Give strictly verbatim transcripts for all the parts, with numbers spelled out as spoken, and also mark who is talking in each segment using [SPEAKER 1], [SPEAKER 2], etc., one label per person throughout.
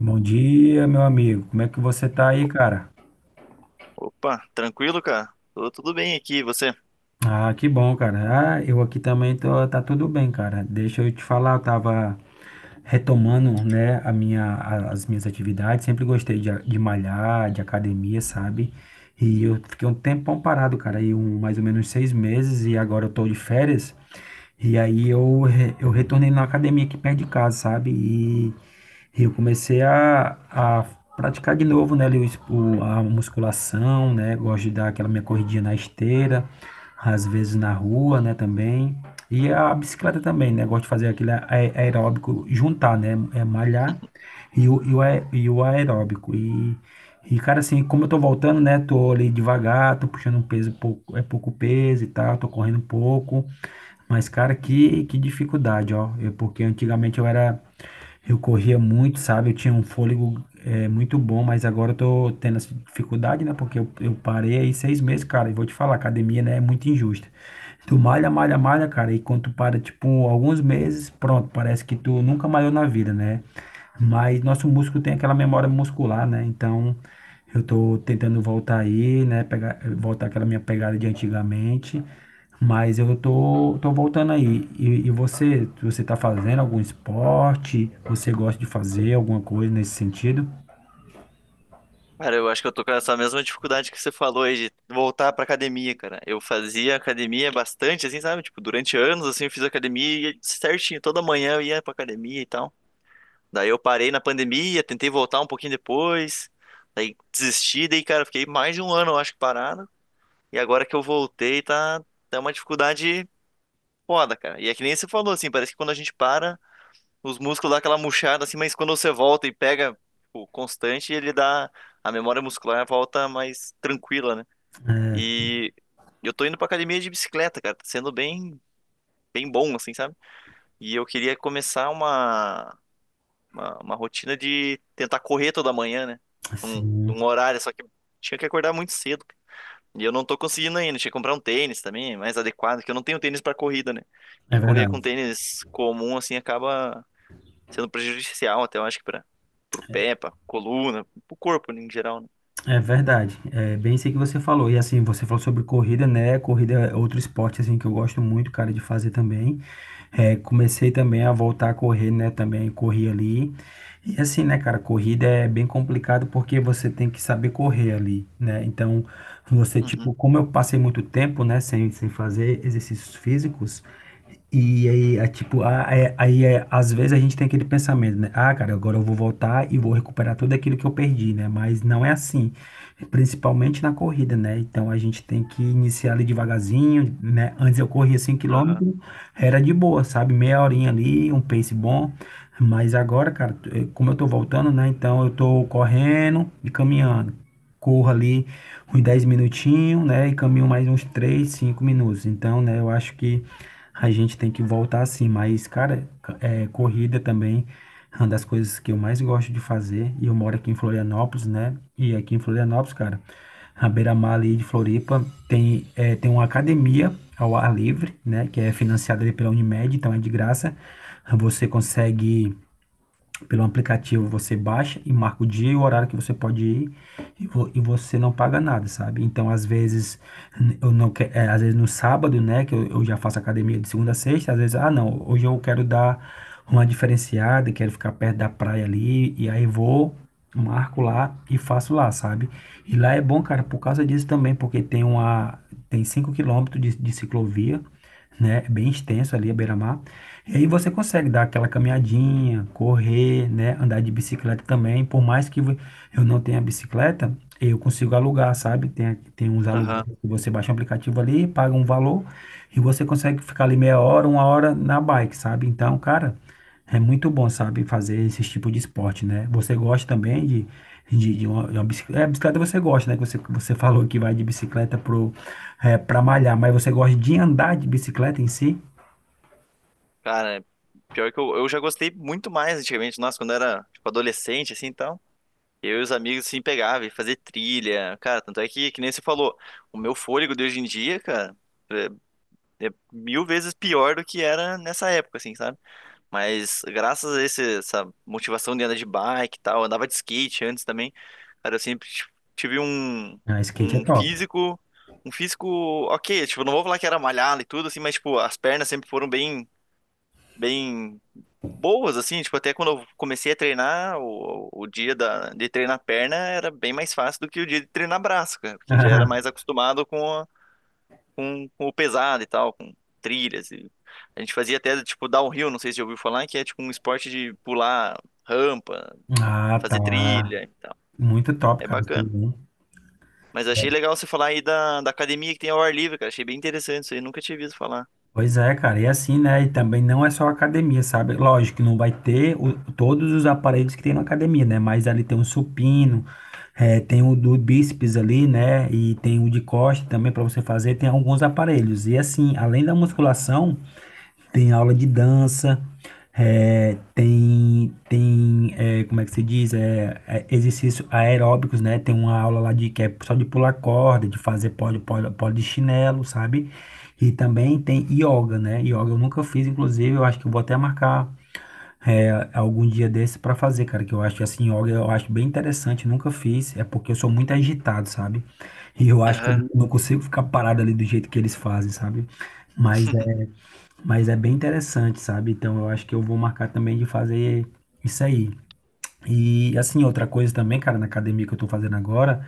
[SPEAKER 1] Bom dia, meu amigo. Como é que você tá aí, cara?
[SPEAKER 2] Opa, tranquilo, cara? Tô tudo bem aqui, e você?
[SPEAKER 1] Ah, que bom, cara. Ah, eu aqui também tô, tá tudo bem, cara. Deixa eu te falar, eu tava retomando, né, a minha, a- as minhas atividades. Sempre gostei de, a- de malhar, de academia, sabe? E eu fiquei um tempão parado, cara, aí um, mais ou menos seis meses e agora eu tô de férias. E aí eu, re- eu retornei na academia aqui perto de casa, sabe? E eu comecei a, a praticar de novo, né, ali o, es- o- a musculação, né? Gosto de dar aquela minha corridinha na esteira, às vezes na rua, né, também. E a bicicleta também, né? Gosto de fazer aquele a aeróbico, juntar, né? É malhar e o, e o ae- e o aeróbico. E e, cara, assim, como eu tô voltando, né? Tô ali devagar, tô puxando um peso pouco, é pouco peso e tal, tô correndo um pouco. Mas, cara, que, que dificuldade, ó. Eu, porque antigamente eu era, eu corria muito, sabe? Eu tinha um fôlego é, muito bom, mas agora eu tô tendo essa dificuldade, né? Porque eu, eu parei aí seis meses, cara. E vou te falar, academia, né, é muito injusta. Tu malha, malha, malha, cara. E quando tu para, tipo, alguns meses, pronto, parece que tu nunca malhou na vida, né? Mas nosso músculo tem aquela memória muscular, né? Então eu tô tentando voltar aí, né? Pegar, voltar aquela minha pegada de antigamente. Mas eu tô, tô voltando aí. E, e você, você tá fazendo algum esporte? Você gosta de fazer alguma coisa nesse sentido?
[SPEAKER 2] Cara, eu acho que eu tô com essa mesma dificuldade que você falou aí de voltar pra academia, cara. Eu fazia academia bastante, assim, sabe? Tipo, durante anos, assim, eu fiz academia e certinho, toda manhã eu ia pra academia e tal. Daí eu parei na pandemia, tentei voltar um pouquinho depois, daí desisti, daí, cara, fiquei mais de um ano, eu acho, parado. E agora que eu voltei, tá, tá uma dificuldade foda, cara. E é que nem você falou, assim, parece que quando a gente para, os músculos dão aquela murchada assim, mas quando você volta e pega, tipo, constante, ele dá. A memória muscular volta mais tranquila, né? E eu tô indo pra academia de bicicleta, cara. Tá sendo bem, bem bom, assim, sabe? E eu queria começar uma, uma, uma rotina de tentar correr toda manhã, né? Num,
[SPEAKER 1] Sim,
[SPEAKER 2] num horário, só que tinha que acordar muito cedo, cara. E eu não tô conseguindo ainda. Tinha que comprar um tênis também, mais adequado, que eu não tenho tênis pra corrida, né? E
[SPEAKER 1] é
[SPEAKER 2] correr
[SPEAKER 1] verdade.
[SPEAKER 2] com tênis comum, assim, acaba sendo prejudicial até, eu acho que para pro pé, pra coluna, pro corpo em geral, né?
[SPEAKER 1] É verdade. É bem isso aí que você falou. E assim, você falou sobre corrida, né? Corrida é outro esporte assim que eu gosto muito, cara, de fazer também. É, comecei também a voltar a correr, né? Também corri ali. E assim, né, cara, corrida é bem complicado porque você tem que saber correr ali, né? Então, você,
[SPEAKER 2] Uhum,
[SPEAKER 1] tipo, como eu passei muito tempo, né, sem, sem fazer exercícios físicos, e aí, é, tipo, a- é- aí é, às vezes a gente tem aquele pensamento, né? Ah, cara, agora eu vou voltar e vou recuperar tudo aquilo que eu perdi, né? Mas não é assim, principalmente na corrida, né? Então a gente tem que iniciar ali devagarzinho, né? Antes eu corria 5
[SPEAKER 2] aham,
[SPEAKER 1] km, era de boa, sabe? Meia horinha ali, um pace bom. Mas agora, cara, eh, como eu tô voltando, né? Então eu tô correndo e caminhando. Corro ali uns dez minutinhos, né? E caminho mais uns três cinco minutos. Então, né, eu acho que a gente tem que voltar assim. Mas, cara, é, corrida também é uma das coisas que eu mais gosto de fazer. E eu moro aqui em Florianópolis, né? E aqui em Florianópolis, cara, a beira-mar ali de Floripa tem, é, tem uma academia ao ar livre, né? Que é financiada ali pela Unimed, então é de graça. Você consegue pelo aplicativo você baixa e marca o dia e o horário que você pode ir e, vo- e você não paga nada, sabe? Então, às vezes, eu não que- é, às vezes no sábado, né, que eu, eu já faço academia de segunda a sexta, às vezes, ah, não, hoje eu quero dar uma diferenciada, quero ficar perto da praia ali, e aí vou, marco lá e faço lá, sabe? E lá é bom, cara, por causa disso também, porque tem uma, tem cinco quilômetros de, de ciclovia, né? É bem extenso ali a beira-mar. E aí você consegue dar aquela caminhadinha, correr, né? Andar de bicicleta também. Por mais que vo- eu não tenha bicicleta, eu consigo alugar, sabe? Tem, tem uns aluguéis
[SPEAKER 2] aham.
[SPEAKER 1] que você baixa um aplicativo ali, paga um valor e você consegue ficar ali meia hora, uma hora na bike, sabe? Então, cara, é muito bom, sabe? Fazer esse tipo de esporte, né? Você gosta também de, de, de uma, de uma bicicleta. É, bicicleta você gosta, né? Que você, você falou que vai de bicicleta pro, é, pra malhar, mas você gosta de andar de bicicleta em si?
[SPEAKER 2] Cara, pior que eu, eu já gostei muito mais antigamente, nossa, quando era, tipo, adolescente, assim, então, eu e os amigos, assim, pegava e fazia trilha, cara, tanto é que, que nem você falou, o meu fôlego de hoje em dia, cara, é, é mil vezes pior do que era nessa época, assim, sabe? Mas graças a esse- essa motivação de andar de bike e tal, eu andava de skate antes também. Cara, eu sempre ti- tive um,
[SPEAKER 1] Ah, skate é
[SPEAKER 2] um
[SPEAKER 1] top.
[SPEAKER 2] físico, um físico ok, tipo, não vou falar que era malhado e tudo assim, mas tipo, as pernas sempre foram bem, bem boas assim, tipo, até quando eu comecei a treinar, o, o dia da, de treinar perna era bem mais fácil do que o dia de treinar braço, cara, porque já era mais acostumado com com, com o pesado e tal, com trilhas. E a gente fazia até tipo downhill, não sei se já ouviu falar, que é tipo um esporte de pular rampa,
[SPEAKER 1] Ah, tá.
[SPEAKER 2] fazer trilha e tal.
[SPEAKER 1] Muito top,
[SPEAKER 2] É
[SPEAKER 1] cara. Isso aí,
[SPEAKER 2] bacana.
[SPEAKER 1] hein?
[SPEAKER 2] Mas achei legal você falar aí da, da academia que tem ao ar livre, cara. Achei bem interessante isso aí, nunca tinha visto falar.
[SPEAKER 1] Pois é, cara. E assim, né? E também não é só academia, sabe? Lógico que não vai ter o- todos os aparelhos que tem na academia, né? Mas ali tem o supino, eh, tem o do bíceps ali, né? E tem o de costa também para você fazer. Tem alguns aparelhos. E assim, além da musculação. Tem aula de dança, é, tem, tem é, como é que se diz? É, é, exercício aeróbicos, né? Tem uma aula lá de que é só de pular corda, de fazer pole, pole, pole de chinelo, sabe? E também tem yoga, né? Yoga eu nunca fiz, inclusive, eu acho que eu vou até marcar é, algum dia desse para fazer, cara, que eu acho que assim, yoga eu acho bem interessante, nunca fiz, é porque eu sou muito agitado, sabe? E eu acho que
[SPEAKER 2] Aham.
[SPEAKER 1] eu não consigo ficar parado ali do jeito que eles fazem, sabe? Mas mas é bem interessante, sabe? Então eu acho que eu vou marcar também de fazer isso aí. E assim, outra coisa também, cara, na academia que eu tô fazendo agora,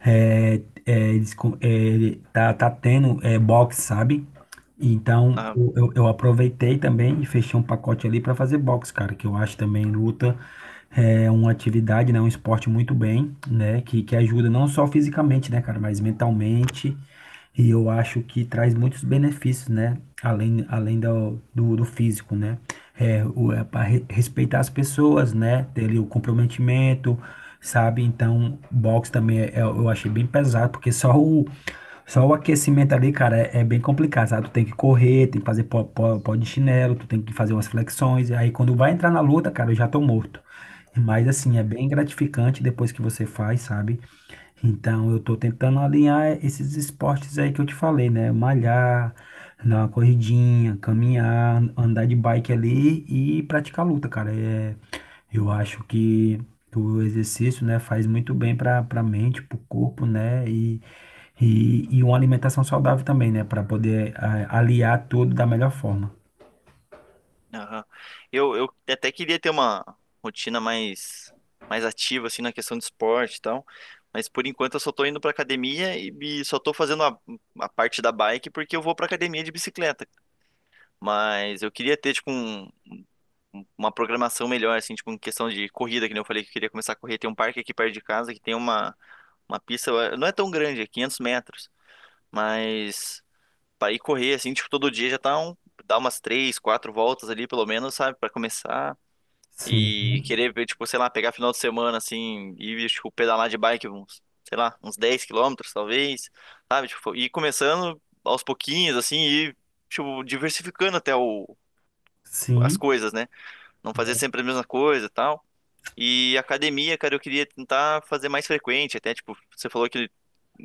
[SPEAKER 1] é, é, eles co- é, tá, tá tendo é, boxe, sabe? Então
[SPEAKER 2] Aham.
[SPEAKER 1] eu, eu eu aproveitei também e fechei um pacote ali pra fazer box, cara, que eu acho também luta é uma atividade, né, um esporte muito bem, né, que, que ajuda não só fisicamente, né, cara, mas mentalmente, e eu acho que traz muitos benefícios, né, além, além do, do, do físico, né, é, o, é para respeitar as pessoas, né, ter ali o comprometimento, sabe, então, boxe também é- é- eu achei bem pesado, porque só o, só o aquecimento ali, cara, é, é bem complicado, sabe? Tu tem que correr, tem que fazer pó, pó, pó de chinelo, tu tem que fazer umas flexões. E aí quando vai entrar na luta, cara, eu já tô morto. Mas assim, é bem gratificante depois que você faz, sabe? Então eu tô tentando alinhar esses esportes aí que eu te falei, né? Malhar, dar uma corridinha, caminhar, andar de bike ali e praticar luta, cara. É, eu acho que o exercício, né, faz muito bem para para mente, para o corpo, né? E, e, e uma alimentação saudável também, né? Para poder ah, aliar tudo da melhor forma.
[SPEAKER 2] Aham. Eu, eu até queria ter uma rotina mais, mais ativa, assim, na questão de esporte e tal. Mas por enquanto eu só tô indo pra academia e, e só tô fazendo a, a parte da bike porque eu vou pra academia de bicicleta. Mas eu queria ter, tipo, um- um, uma programação melhor, assim, tipo, em questão de corrida, que nem eu falei que eu queria começar a correr. Tem um parque aqui perto de casa que tem uma, uma pista, eh, não é tão grande, é quinhentos metros, mas para ir correr, assim, tipo, todo dia já tá um, dá umas três, quatro voltas ali, pelo menos, sabe, para começar.
[SPEAKER 1] Sim,
[SPEAKER 2] E querer, ver, tipo, sei lá, pegar final de semana, assim, e, tipo, pedalar de bike uns, sei lá, uns dez quilômetros, talvez, sabe, tipo, ir começando aos pouquinhos, assim, e, tipo, diversificando até o, as
[SPEAKER 1] sim,
[SPEAKER 2] coisas, né? Não fazer sempre a mesma coisa e tal. E academia, cara, eu queria tentar fazer mais frequente, até tipo, você falou que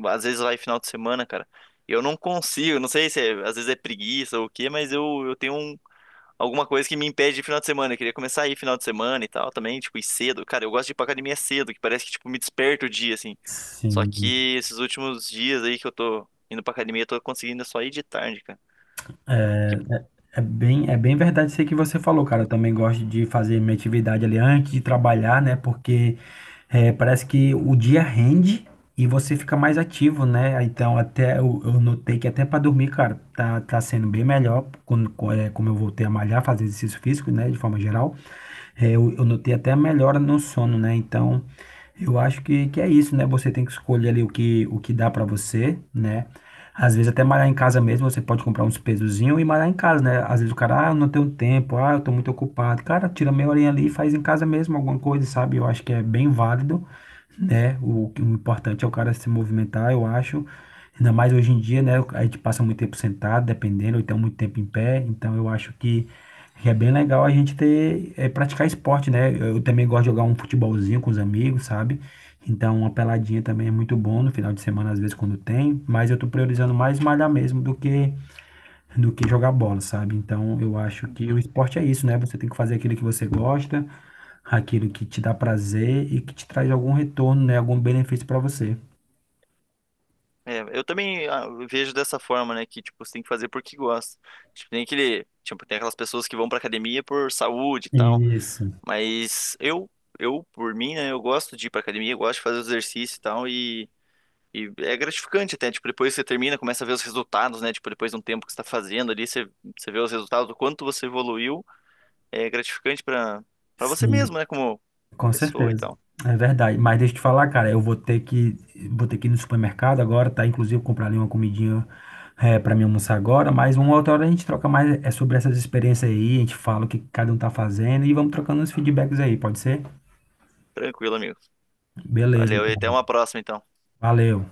[SPEAKER 2] às vezes vai final de semana, cara. Eu não consigo, não sei se é- às vezes é preguiça ou o quê, mas eu, eu tenho um- alguma coisa que me impede de final de semana. Eu queria começar a ir final de semana e tal também, tipo, ir cedo. Cara, eu gosto de ir pra academia cedo, que parece que tipo me desperta o dia assim. Só
[SPEAKER 1] sim.
[SPEAKER 2] que esses últimos dias aí que eu tô indo pra academia, eu tô conseguindo só ir de tarde, cara.
[SPEAKER 1] É bem, é bem verdade isso aí que você falou, cara. Eu também gosto de fazer minha atividade ali antes de trabalhar, né? Porque eh, parece que o dia rende e você fica mais ativo, né? Então, até eu, eu notei que até para dormir, cara, tá, tá sendo bem melhor quando, co- eh, como eu voltei a malhar, fazer exercício físico, né? De forma geral. Eh, eu, eu notei até melhora no sono, né? Então. Eu acho que, que é isso, né? Você tem que escolher ali o que, o que dá pra você, né? Às vezes até malhar em casa mesmo, você pode comprar uns pesozinhos e malhar em casa, né? Às vezes o cara, ah, eu não tenho tempo, ah, eu tô muito ocupado. Cara, tira meia horinha ali e faz em casa mesmo alguma coisa, sabe? Eu acho que é bem válido, né? O, o importante é o cara se movimentar, eu acho. Ainda mais hoje em dia, né? A gente passa muito tempo sentado, dependendo, ou então muito tempo em pé. Então eu acho que é bem legal a gente ter, é, praticar esporte, né? Eu também gosto de jogar um futebolzinho com os amigos, sabe? Então, uma peladinha também é muito bom no final de semana, às vezes, quando tem, mas eu tô priorizando mais malhar mesmo do que, do que, jogar bola, sabe? Então, eu acho que
[SPEAKER 2] Que
[SPEAKER 1] o esporte é isso, né? Você tem que fazer aquilo que você gosta, aquilo que te dá prazer e que te traz algum retorno, né? Algum benefício para você.
[SPEAKER 2] É, eu também ah, vejo dessa forma, né? Que, tipo, você tem que fazer porque gosta. Tipo, tem aquele, tipo, tem aquelas pessoas que vão pra academia por saúde e tal.
[SPEAKER 1] Isso,
[SPEAKER 2] Mas eu, eu, por mim, né? Eu gosto de ir pra academia, eu gosto de fazer exercício e tal. E, e é gratificante até. Tipo, depois você termina, começa a ver os resultados, né? Tipo, depois de um tempo que você tá fazendo ali, você, você vê os resultados, o quanto você evoluiu. É gratificante pra, pra você
[SPEAKER 1] sim.
[SPEAKER 2] mesmo, né? Como
[SPEAKER 1] Com
[SPEAKER 2] pessoa e
[SPEAKER 1] certeza.
[SPEAKER 2] tal.
[SPEAKER 1] É verdade. Mas deixa eu te falar, cara, eu vou ter que, vou ter que ir no supermercado agora, tá? Inclusive comprar ali uma comidinha é, para mim almoçar agora, mas uma outra hora a gente troca mais é sobre essas experiências aí, a gente fala o que cada um tá fazendo e vamos trocando uns feedbacks aí, pode ser?
[SPEAKER 2] Tranquilo, amigo.
[SPEAKER 1] Beleza,
[SPEAKER 2] Valeu. E até
[SPEAKER 1] então.
[SPEAKER 2] uma próxima, então.
[SPEAKER 1] Valeu.